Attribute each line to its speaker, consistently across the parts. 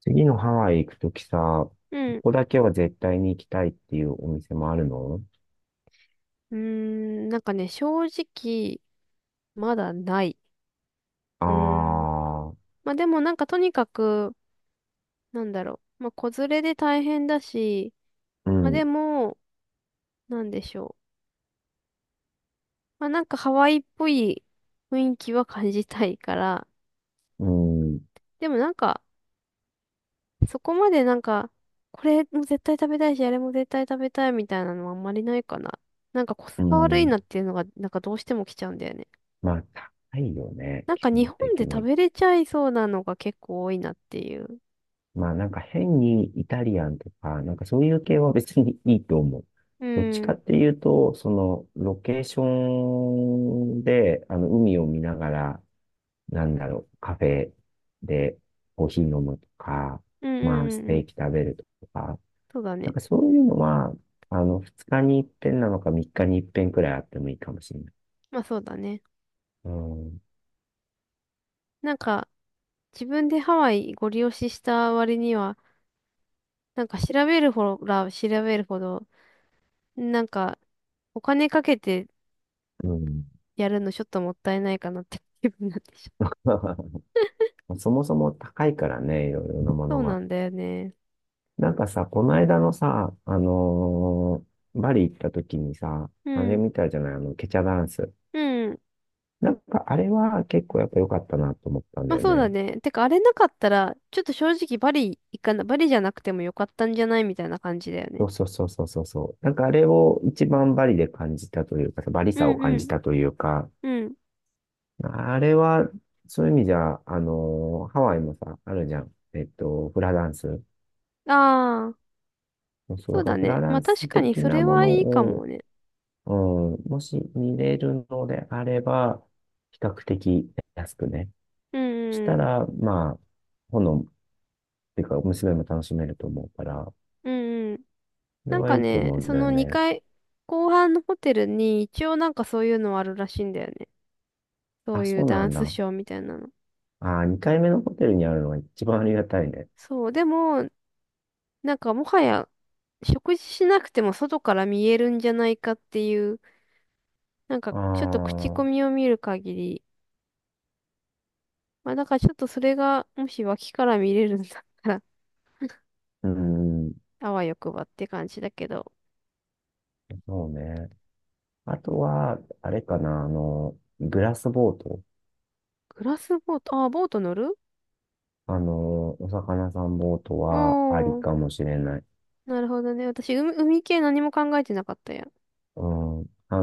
Speaker 1: 次のハワイ行くときさ、こ
Speaker 2: うん。
Speaker 1: こだけは絶対に行きたいっていうお店もあるの？
Speaker 2: うーん、なんかね、正直、まだない。う
Speaker 1: あ
Speaker 2: ーん。
Speaker 1: あー、
Speaker 2: まあでもなんかとにかく、なんだろう。まあ子連れで大変だし、
Speaker 1: う
Speaker 2: まあ
Speaker 1: ん、
Speaker 2: でも、なんでしょう。まあなんかハワイっぽい雰囲気は感じたいから、
Speaker 1: うん、
Speaker 2: でもなんか、そこまでなんか、これも絶対食べたいし、あれも絶対食べたいみたいなのはあんまりないかな。なんかコス
Speaker 1: う
Speaker 2: パ悪い
Speaker 1: ん。
Speaker 2: なっていうのが、なんかどうしても来ちゃうんだよね。
Speaker 1: まあ、高いよね、
Speaker 2: なん
Speaker 1: 基
Speaker 2: か日
Speaker 1: 本
Speaker 2: 本
Speaker 1: 的
Speaker 2: で食
Speaker 1: に。
Speaker 2: べれちゃいそうなのが結構多いなっていう。
Speaker 1: まあ、なんか変にイタリアンとか、なんかそういう系は別にいいと思う。
Speaker 2: う
Speaker 1: どっち
Speaker 2: ん。う
Speaker 1: かっ
Speaker 2: ん
Speaker 1: ていうと、その、ロケーションで、あの、海を見ながら、なんだろう、カフェでコーヒー飲むとか、
Speaker 2: うん
Speaker 1: まあ、
Speaker 2: う
Speaker 1: ス
Speaker 2: んう
Speaker 1: テー
Speaker 2: ん。
Speaker 1: キ食べるとか、
Speaker 2: そうだ
Speaker 1: なん
Speaker 2: ね。
Speaker 1: かそういうのは、あの、二日に一遍なのか三日に一遍くらいあってもいいかもしれない。
Speaker 2: まあそうだね。
Speaker 1: うん。
Speaker 2: なんか、自分でハワイご利用しした割には、なんか調べるほら調べるほど、なんか、お金かけて
Speaker 1: うん。
Speaker 2: やるのちょっともったいないかなって気分になってしまう。
Speaker 1: そもそも高いからね、いろいろなも
Speaker 2: そ
Speaker 1: の
Speaker 2: うな
Speaker 1: が。
Speaker 2: んだよね。
Speaker 1: なんかさ、この間のさ、バリ行った時にさ、
Speaker 2: う
Speaker 1: あれ
Speaker 2: ん。
Speaker 1: 見たじゃない、あの、ケチャダンス。
Speaker 2: うん。
Speaker 1: なんかあれは結構やっぱ良かったなと思ったん
Speaker 2: ま
Speaker 1: だ
Speaker 2: あ
Speaker 1: よ
Speaker 2: そうだ
Speaker 1: ね。
Speaker 2: ね。てか、あれなかったら、ちょっと正直バリ行かな、バリじゃなくてもよかったんじゃないみたいな感じだよね。
Speaker 1: そうそうそうそうそうそう。なんかあれを一番バリで感じたというかさ、バリ
Speaker 2: う
Speaker 1: さを
Speaker 2: ん
Speaker 1: 感
Speaker 2: う
Speaker 1: じ
Speaker 2: ん
Speaker 1: たというか、
Speaker 2: うん。
Speaker 1: あれは、そういう意味じゃ、ハワイもさ、あるじゃん。フラダンス。
Speaker 2: ああ、
Speaker 1: そう、
Speaker 2: そ
Speaker 1: だ
Speaker 2: う
Speaker 1: か
Speaker 2: だ
Speaker 1: らフラ
Speaker 2: ね。
Speaker 1: ダ
Speaker 2: まあ
Speaker 1: ン
Speaker 2: 確
Speaker 1: ス
Speaker 2: かに
Speaker 1: 的
Speaker 2: そ
Speaker 1: な
Speaker 2: れ
Speaker 1: も
Speaker 2: は
Speaker 1: の
Speaker 2: いいかも
Speaker 1: を、
Speaker 2: ね。
Speaker 1: うん、もし見れるのであれば、比較的安くね。
Speaker 2: うん
Speaker 1: し
Speaker 2: う
Speaker 1: た
Speaker 2: ん
Speaker 1: ら、まあ、炎、っていうか、娘も楽しめると思うから、
Speaker 2: うんうん。
Speaker 1: それ
Speaker 2: なん
Speaker 1: は
Speaker 2: か
Speaker 1: いいと
Speaker 2: ね、
Speaker 1: 思うん
Speaker 2: そ
Speaker 1: だよ
Speaker 2: の
Speaker 1: ね。
Speaker 2: 2階、後半のホテルに一応なんかそういうのあるらしいんだよね。そ
Speaker 1: あ、
Speaker 2: うい
Speaker 1: そ
Speaker 2: う
Speaker 1: うな
Speaker 2: ダン
Speaker 1: ん
Speaker 2: ス
Speaker 1: だ。
Speaker 2: ショーみたいなの。
Speaker 1: あー、2回目のホテルにあるのが一番ありがたいね。
Speaker 2: そう、でも、なんかもはや食事しなくても外から見えるんじゃないかっていう、なんか
Speaker 1: あ
Speaker 2: ちょっと口
Speaker 1: あ、
Speaker 2: コミを見る限り、まあだからちょっとそれがもし脇から見れるんだったら、
Speaker 1: うん、
Speaker 2: あわよくばって感じだけど。
Speaker 1: そうね。あとは、あれかな、あの、グラスボート。
Speaker 2: グラスボート、ボート乗る
Speaker 1: あの、お魚さんボートはあり
Speaker 2: おー、
Speaker 1: かもしれない。
Speaker 2: なるほどね。私、海系何も考えてなかったや。
Speaker 1: うん。あの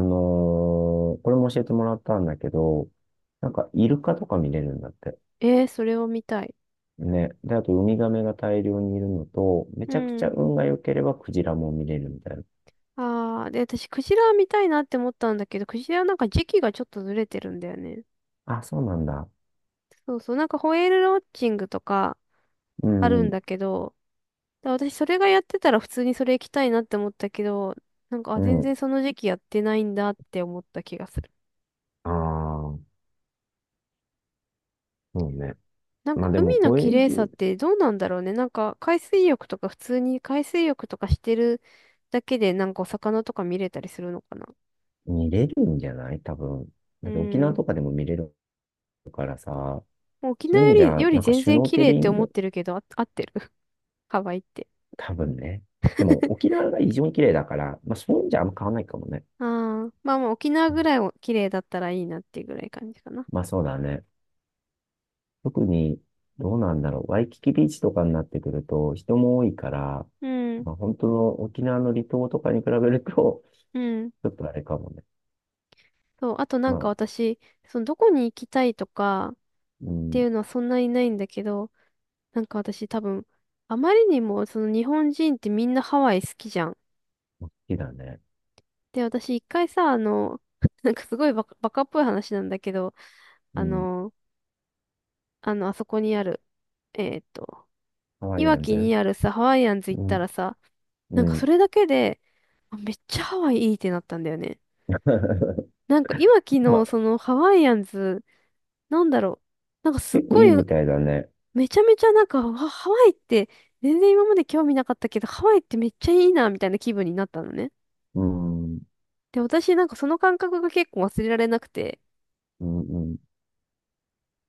Speaker 1: ーこれも教えてもらったんだけど、なんかイルカとか見れるんだって。
Speaker 2: それを見たい。
Speaker 1: ね。で、あとウミガメが大量にいるのと、め
Speaker 2: う
Speaker 1: ちゃくちゃ
Speaker 2: ん。
Speaker 1: 運が良ければクジラも見れるみたいな。
Speaker 2: ああ、で、私、クジラ見たいなって思ったんだけど、クジラなんか時期がちょっとずれてるんだよね。
Speaker 1: あ、そうなんだ。
Speaker 2: そうそう、なんかホエールウォッチングとか
Speaker 1: う
Speaker 2: あるん
Speaker 1: ん、
Speaker 2: だけど、だ私それがやってたら普通にそれ行きたいなって思ったけど、なんか、あ、
Speaker 1: う
Speaker 2: 全然
Speaker 1: ん。
Speaker 2: その時期やってないんだって思った気がする。
Speaker 1: ああ、そうね。
Speaker 2: なん
Speaker 1: ま
Speaker 2: か
Speaker 1: あでも、
Speaker 2: 海の
Speaker 1: こ
Speaker 2: 綺
Speaker 1: れ
Speaker 2: 麗さってどうなんだろうね。なんか海水浴とか普通に海水浴とかしてるだけでなんかお魚とか見れたりするのかな。
Speaker 1: 見れるんじゃない多分。
Speaker 2: う
Speaker 1: だって沖縄
Speaker 2: ん。
Speaker 1: とかでも見れるからさ、
Speaker 2: もう沖
Speaker 1: そうい
Speaker 2: 縄
Speaker 1: う意
Speaker 2: よ
Speaker 1: 味で
Speaker 2: り、
Speaker 1: は、
Speaker 2: より
Speaker 1: なんか
Speaker 2: 全
Speaker 1: シュ
Speaker 2: 然
Speaker 1: ノー
Speaker 2: 綺
Speaker 1: ケ
Speaker 2: 麗っ
Speaker 1: リ
Speaker 2: て
Speaker 1: ン
Speaker 2: 思っ
Speaker 1: グ、
Speaker 2: てるけど、あ合ってるハワイって。
Speaker 1: 多分ね。でも沖 縄が異常に綺麗だから、まあそういうんじゃあんま変わんないかもね。
Speaker 2: ああ、まあまあ沖縄
Speaker 1: う
Speaker 2: ぐ
Speaker 1: ん、
Speaker 2: らいを綺麗だったらいいなっていうぐらい感じかな。
Speaker 1: まあそうだね。特に、どうなんだろう。ワイキキビーチとかになってくると人も多いから、
Speaker 2: うん、
Speaker 1: まあ本当の沖縄の離島とかに比べると、
Speaker 2: うん。
Speaker 1: ちょっとあれかもね。
Speaker 2: そう、あとな
Speaker 1: ま
Speaker 2: んか
Speaker 1: あ、
Speaker 2: 私、そのどこに行きたいとかっ
Speaker 1: う
Speaker 2: て
Speaker 1: ん、
Speaker 2: いうのはそんなにないんだけど、なんか私多分、あまりにもその日本人ってみんなハワイ好きじゃん。
Speaker 1: 好きだね。
Speaker 2: で、私一回さ、あの、なんかすごいバカっぽい話なんだけど、
Speaker 1: う
Speaker 2: あ
Speaker 1: ん、
Speaker 2: の、あの、あそこにある、えーっと、
Speaker 1: ハワ
Speaker 2: い
Speaker 1: イ
Speaker 2: わ
Speaker 1: アン
Speaker 2: き
Speaker 1: ズ。
Speaker 2: にあるさ、ハワイアンズ行
Speaker 1: う
Speaker 2: った
Speaker 1: ん、
Speaker 2: らさ、な
Speaker 1: う
Speaker 2: んか
Speaker 1: ん。
Speaker 2: それだけで、あめっちゃハワイいいってなったんだよね。なんか今昨
Speaker 1: ま
Speaker 2: 日、
Speaker 1: あ
Speaker 2: そのハワイアンズ、なんだろう。なんかすっ
Speaker 1: 結構
Speaker 2: ごい、
Speaker 1: いいみたいだね。
Speaker 2: めちゃめちゃなんか、わハワイって全然今まで興味なかったけど、ハワイってめっちゃいいな、みたいな気分になったのね。
Speaker 1: うん、うん、
Speaker 2: で、私なんかその感覚が結構忘れられなくて、
Speaker 1: うん、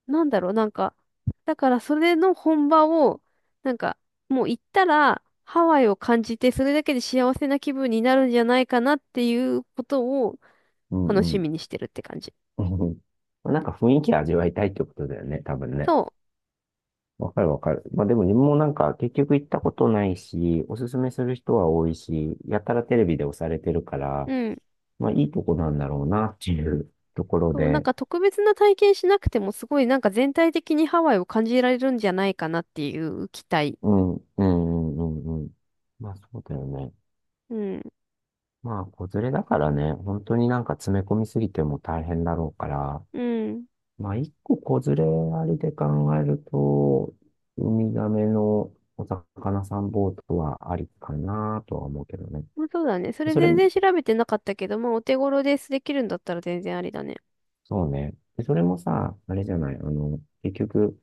Speaker 2: なんだろう、なんか、だからそれの本場を、なんか、もう行ったら、ハワイを感じて、それだけで幸せな気分になるんじゃないかなっていうことを
Speaker 1: う
Speaker 2: 楽
Speaker 1: ん、う
Speaker 2: し
Speaker 1: ん。
Speaker 2: みにしてるって感じ。
Speaker 1: うん。 なんか雰囲気味わいたいってことだよね、多分ね。
Speaker 2: そ
Speaker 1: わかるわかる。まあでも自分もなんか結局行ったことないし、おすすめする人は多いし、やたらテレビで押されてるか
Speaker 2: う。
Speaker 1: ら、
Speaker 2: うん。
Speaker 1: まあいいとこなんだろうなっていうところ
Speaker 2: そう、なん
Speaker 1: で、
Speaker 2: か特別な体験しなくてもすごいなんか全体的にハワイを感じられるんじゃないかなっていう期待。
Speaker 1: うん、うん、うん、うんうん。まあそうだよね。
Speaker 2: うん。
Speaker 1: まあ子連れだからね、本当になんか詰め込みすぎても大変だろうから、
Speaker 2: うん。
Speaker 1: まあ、一個子連れありで考えると、ウミガメのお魚さんボートはありかなとは思うけどね。
Speaker 2: まあ、そうだね。それ
Speaker 1: それ
Speaker 2: 全
Speaker 1: も、
Speaker 2: 然調べてなかったけど、まあお手頃ですできるんだったら全然ありだね。
Speaker 1: そうね。でそれもさ、あれじゃない、あの、結局、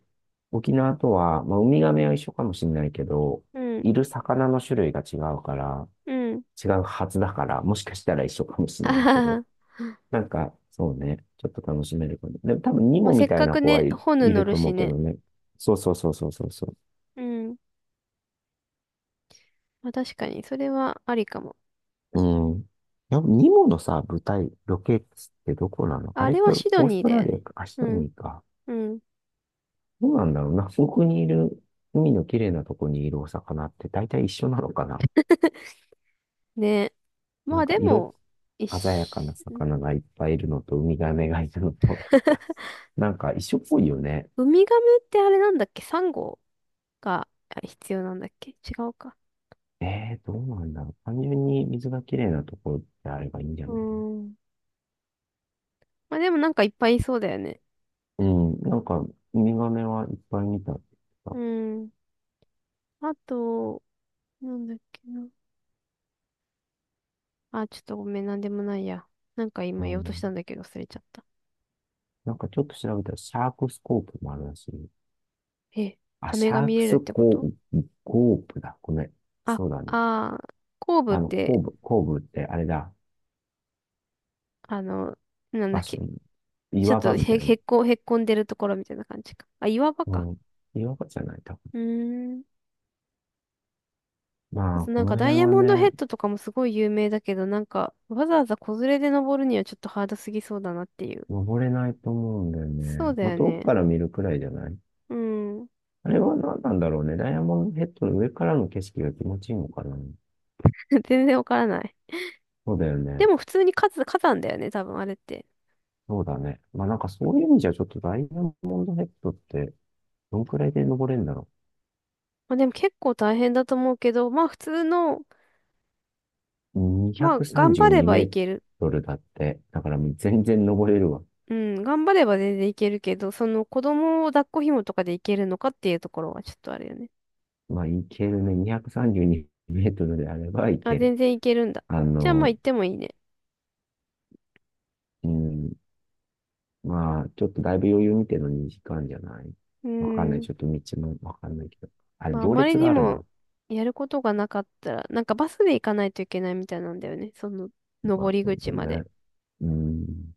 Speaker 1: 沖縄とは、まあ、ウミガメは一緒かもしれないけど、
Speaker 2: うん。
Speaker 1: いる魚の種類が違うから、
Speaker 2: うん。
Speaker 1: 違うはずだから、もしかしたら一緒かもしれ
Speaker 2: あ
Speaker 1: ないけ
Speaker 2: は
Speaker 1: ど、
Speaker 2: は。
Speaker 1: なんか、そうね、ちょっと楽しめるかも。でも多分、ニ
Speaker 2: まあ
Speaker 1: モ
Speaker 2: せ
Speaker 1: み
Speaker 2: っ
Speaker 1: たい
Speaker 2: か
Speaker 1: な
Speaker 2: く
Speaker 1: 子は
Speaker 2: ね、
Speaker 1: い、
Speaker 2: ホヌ
Speaker 1: い
Speaker 2: 乗
Speaker 1: る
Speaker 2: る
Speaker 1: と思
Speaker 2: し
Speaker 1: うけ
Speaker 2: ね。
Speaker 1: どね。そうそうそうそうそうそう。
Speaker 2: うん。まあ確かに、それはありかも。
Speaker 1: うん。やっぱニモのさ、舞台、ロケ地ってどこなのあ
Speaker 2: あ
Speaker 1: れっ
Speaker 2: れ
Speaker 1: て？
Speaker 2: はシド
Speaker 1: オース
Speaker 2: ニー
Speaker 1: ト
Speaker 2: だ
Speaker 1: ラ
Speaker 2: よ
Speaker 1: リア
Speaker 2: ね。
Speaker 1: か、アシ
Speaker 2: う
Speaker 1: ド
Speaker 2: ん。
Speaker 1: ニーか。
Speaker 2: うん。
Speaker 1: どうなんだろうな。そこにいる、海の綺麗なとこにいるお魚って大体一緒なのかな。
Speaker 2: ね。ま
Speaker 1: なん
Speaker 2: あ
Speaker 1: か
Speaker 2: で
Speaker 1: 色、
Speaker 2: も、一
Speaker 1: 鮮やかな
Speaker 2: 緒
Speaker 1: 魚がいっぱいいるのと、ウミガメがいるのと、なんか一緒っぽいよね。
Speaker 2: ウミガメってあれなんだっけサンゴが必要なんだっけ違うか。
Speaker 1: えー、どうなんだろう。単純に水が綺麗なところであればいいんじゃ
Speaker 2: う
Speaker 1: ないの？
Speaker 2: ーん。まあでもなんかいっぱいいそうだよね。
Speaker 1: うん、なんか、ウミガメはいっぱい見たって言
Speaker 2: う
Speaker 1: って
Speaker 2: ん。あと、なんだっけな。あ、ちょっとごめん、なんでもないや。なんか
Speaker 1: た。
Speaker 2: 今
Speaker 1: う
Speaker 2: 言おうとし
Speaker 1: ん、
Speaker 2: たんだけど忘れちゃった。
Speaker 1: なんかちょっと調べたら、シャークスコープもあるらしい。
Speaker 2: え、
Speaker 1: あ、
Speaker 2: サ
Speaker 1: シ
Speaker 2: メが
Speaker 1: ャー
Speaker 2: 見
Speaker 1: ク
Speaker 2: れるっ
Speaker 1: ス
Speaker 2: てこ
Speaker 1: コ
Speaker 2: と
Speaker 1: ープ、コープだ。ごめん。
Speaker 2: あ、
Speaker 1: そうだね。
Speaker 2: 後部っ
Speaker 1: あの、コ
Speaker 2: て、
Speaker 1: ーブ、コーブってあれだ。
Speaker 2: あの、なんだ
Speaker 1: 場
Speaker 2: っ
Speaker 1: 所
Speaker 2: け。
Speaker 1: に、
Speaker 2: ちょっ
Speaker 1: 岩
Speaker 2: と
Speaker 1: 場みた
Speaker 2: へ、
Speaker 1: いな。
Speaker 2: へっこ、へっこんでるところみたいな感じか。あ、岩場
Speaker 1: う
Speaker 2: か。
Speaker 1: ん。岩場じゃない、多分。
Speaker 2: うーん。あ
Speaker 1: まあ、
Speaker 2: とな
Speaker 1: こ
Speaker 2: ん
Speaker 1: の
Speaker 2: かダ
Speaker 1: 辺
Speaker 2: イヤ
Speaker 1: は
Speaker 2: モンドヘ
Speaker 1: ね、
Speaker 2: ッドとかもすごい有名だけど、なんかわざわざ子連れで登るにはちょっとハードすぎそうだなっていう。
Speaker 1: 登れないと思うんだよ
Speaker 2: そう
Speaker 1: ね。
Speaker 2: だ
Speaker 1: まあ、
Speaker 2: よ
Speaker 1: 遠く
Speaker 2: ね。
Speaker 1: から見るくらいじゃない？
Speaker 2: うん。
Speaker 1: あれは何なんだろうね。ダイヤモンドヘッドの上からの景色が気持ちいいのかな。
Speaker 2: 全然わからない。
Speaker 1: そうだよね。
Speaker 2: でも普通に火山、火山だよね、多分あれって。
Speaker 1: そうだね。まあ、なんかそういう意味じゃ、ちょっとダイヤモンドヘッドって、どんくらいで登れるんだろうね。
Speaker 2: まあでも結構大変だと思うけど、まあ普通の、
Speaker 1: 232
Speaker 2: まあ
Speaker 1: メ
Speaker 2: 頑張
Speaker 1: ー
Speaker 2: ればい
Speaker 1: ト
Speaker 2: ける。
Speaker 1: ルだって。だからもう全然登れるわ。
Speaker 2: うん、頑張れば全然いけるけど、その子供を抱っこ紐とかでいけるのかっていうところはちょっとあれよね。
Speaker 1: まあ、いけるね。232メートルであればい
Speaker 2: あ、
Speaker 1: ける。
Speaker 2: 全然いけるんだ。
Speaker 1: あ
Speaker 2: じゃあまあ
Speaker 1: の、
Speaker 2: 行ってもいいね。
Speaker 1: うん。まあ、ちょっとだいぶ余裕見てのに時間じゃない？
Speaker 2: う
Speaker 1: わかんない。
Speaker 2: ん。
Speaker 1: ちょっと道もわかんないけど。あれ、
Speaker 2: まああ
Speaker 1: 行
Speaker 2: まり
Speaker 1: 列が
Speaker 2: に
Speaker 1: ある
Speaker 2: も
Speaker 1: な。
Speaker 2: やることがなかったら、なんかバスで行かないといけないみたいなんだよね。その、
Speaker 1: ま
Speaker 2: 登
Speaker 1: あ、
Speaker 2: り
Speaker 1: そう
Speaker 2: 口
Speaker 1: だ
Speaker 2: まで。
Speaker 1: ね。うん。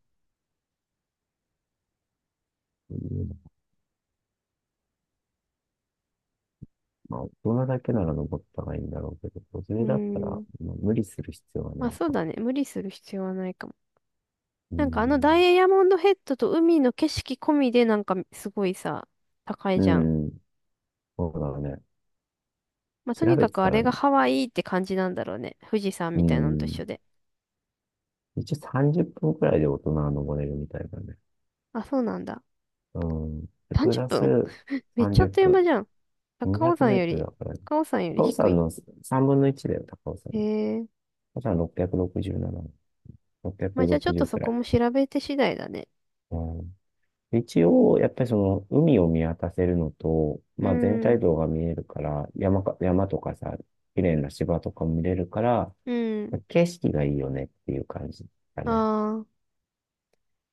Speaker 1: まあ、大人だけなら登ったらいいんだろうけど、子連
Speaker 2: う
Speaker 1: れだったら、
Speaker 2: ん。
Speaker 1: まあ無理する必要は
Speaker 2: まあ
Speaker 1: ない
Speaker 2: そう
Speaker 1: かも。
Speaker 2: だね。無理する必要はないかも。
Speaker 1: う
Speaker 2: なんかあのダ
Speaker 1: ん。
Speaker 2: イヤモンドヘッドと海の景色込みでなんかすごいさ、高い
Speaker 1: う
Speaker 2: じゃん。
Speaker 1: ん。そうだね。
Speaker 2: まあ、と
Speaker 1: 調
Speaker 2: に
Speaker 1: べ
Speaker 2: か
Speaker 1: て
Speaker 2: くあ
Speaker 1: たら、
Speaker 2: れがハワイって感じなんだろうね。富士山
Speaker 1: う
Speaker 2: みたいなのと一
Speaker 1: ん。
Speaker 2: 緒で。
Speaker 1: 一応30分くらいで大人は登れるみたいだね。
Speaker 2: あ、そうなんだ。
Speaker 1: うん。で、プ
Speaker 2: 30
Speaker 1: ラス
Speaker 2: 分めっちゃあ
Speaker 1: 30
Speaker 2: っという間じゃん。
Speaker 1: 分。200
Speaker 2: 高尾
Speaker 1: メ
Speaker 2: 山
Speaker 1: ー
Speaker 2: よ
Speaker 1: ト
Speaker 2: り、
Speaker 1: ルだからね。
Speaker 2: 高尾山より
Speaker 1: 高尾
Speaker 2: 低
Speaker 1: 山
Speaker 2: い。
Speaker 1: の3分の1だよ、高尾山
Speaker 2: へ
Speaker 1: の。
Speaker 2: え。
Speaker 1: 高尾山667。
Speaker 2: まあ、じゃあちょっと
Speaker 1: 660くろくじゅう
Speaker 2: そ
Speaker 1: くら
Speaker 2: こ
Speaker 1: い。
Speaker 2: も調べて次第だね。
Speaker 1: うん。一応、やっぱりその、海を見渡せるのと、
Speaker 2: う
Speaker 1: まあ全体
Speaker 2: ん。
Speaker 1: 像が見えるから、山か、山とかさ、綺麗な芝とかも見れるから、
Speaker 2: うん。
Speaker 1: 景色がいいよねっていう感じだね。
Speaker 2: ああ、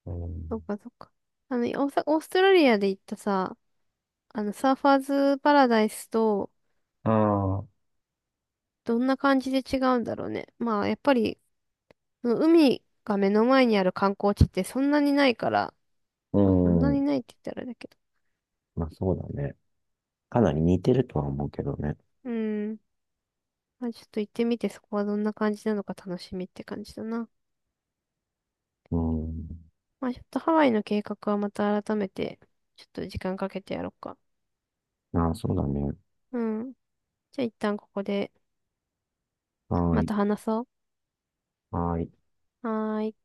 Speaker 1: う
Speaker 2: そっ
Speaker 1: ん。
Speaker 2: かそっか。あの、オーストラリアで行ったさ、あの、サーファーズパラダイスと、
Speaker 1: ああ、
Speaker 2: どんな感じで違うんだろうね。まあ、やっぱりその海が目の前にある観光地ってそんなにないから、
Speaker 1: う
Speaker 2: まあそんなにな
Speaker 1: ん。
Speaker 2: いって言ったらあれだけど。
Speaker 1: まあそうだね。かなり似てるとは思うけどね。
Speaker 2: うん。まあちょっと行ってみてそこはどんな感じなのか楽しみって感じだな。
Speaker 1: うん。
Speaker 2: まあちょっとハワイの計画はまた改めて、ちょっと時間かけてやろうか。
Speaker 1: ああ、そうだね。
Speaker 2: うん。じゃあ一旦ここで
Speaker 1: はー
Speaker 2: ま
Speaker 1: い。
Speaker 2: た話そ
Speaker 1: はーい。
Speaker 2: う。はーい。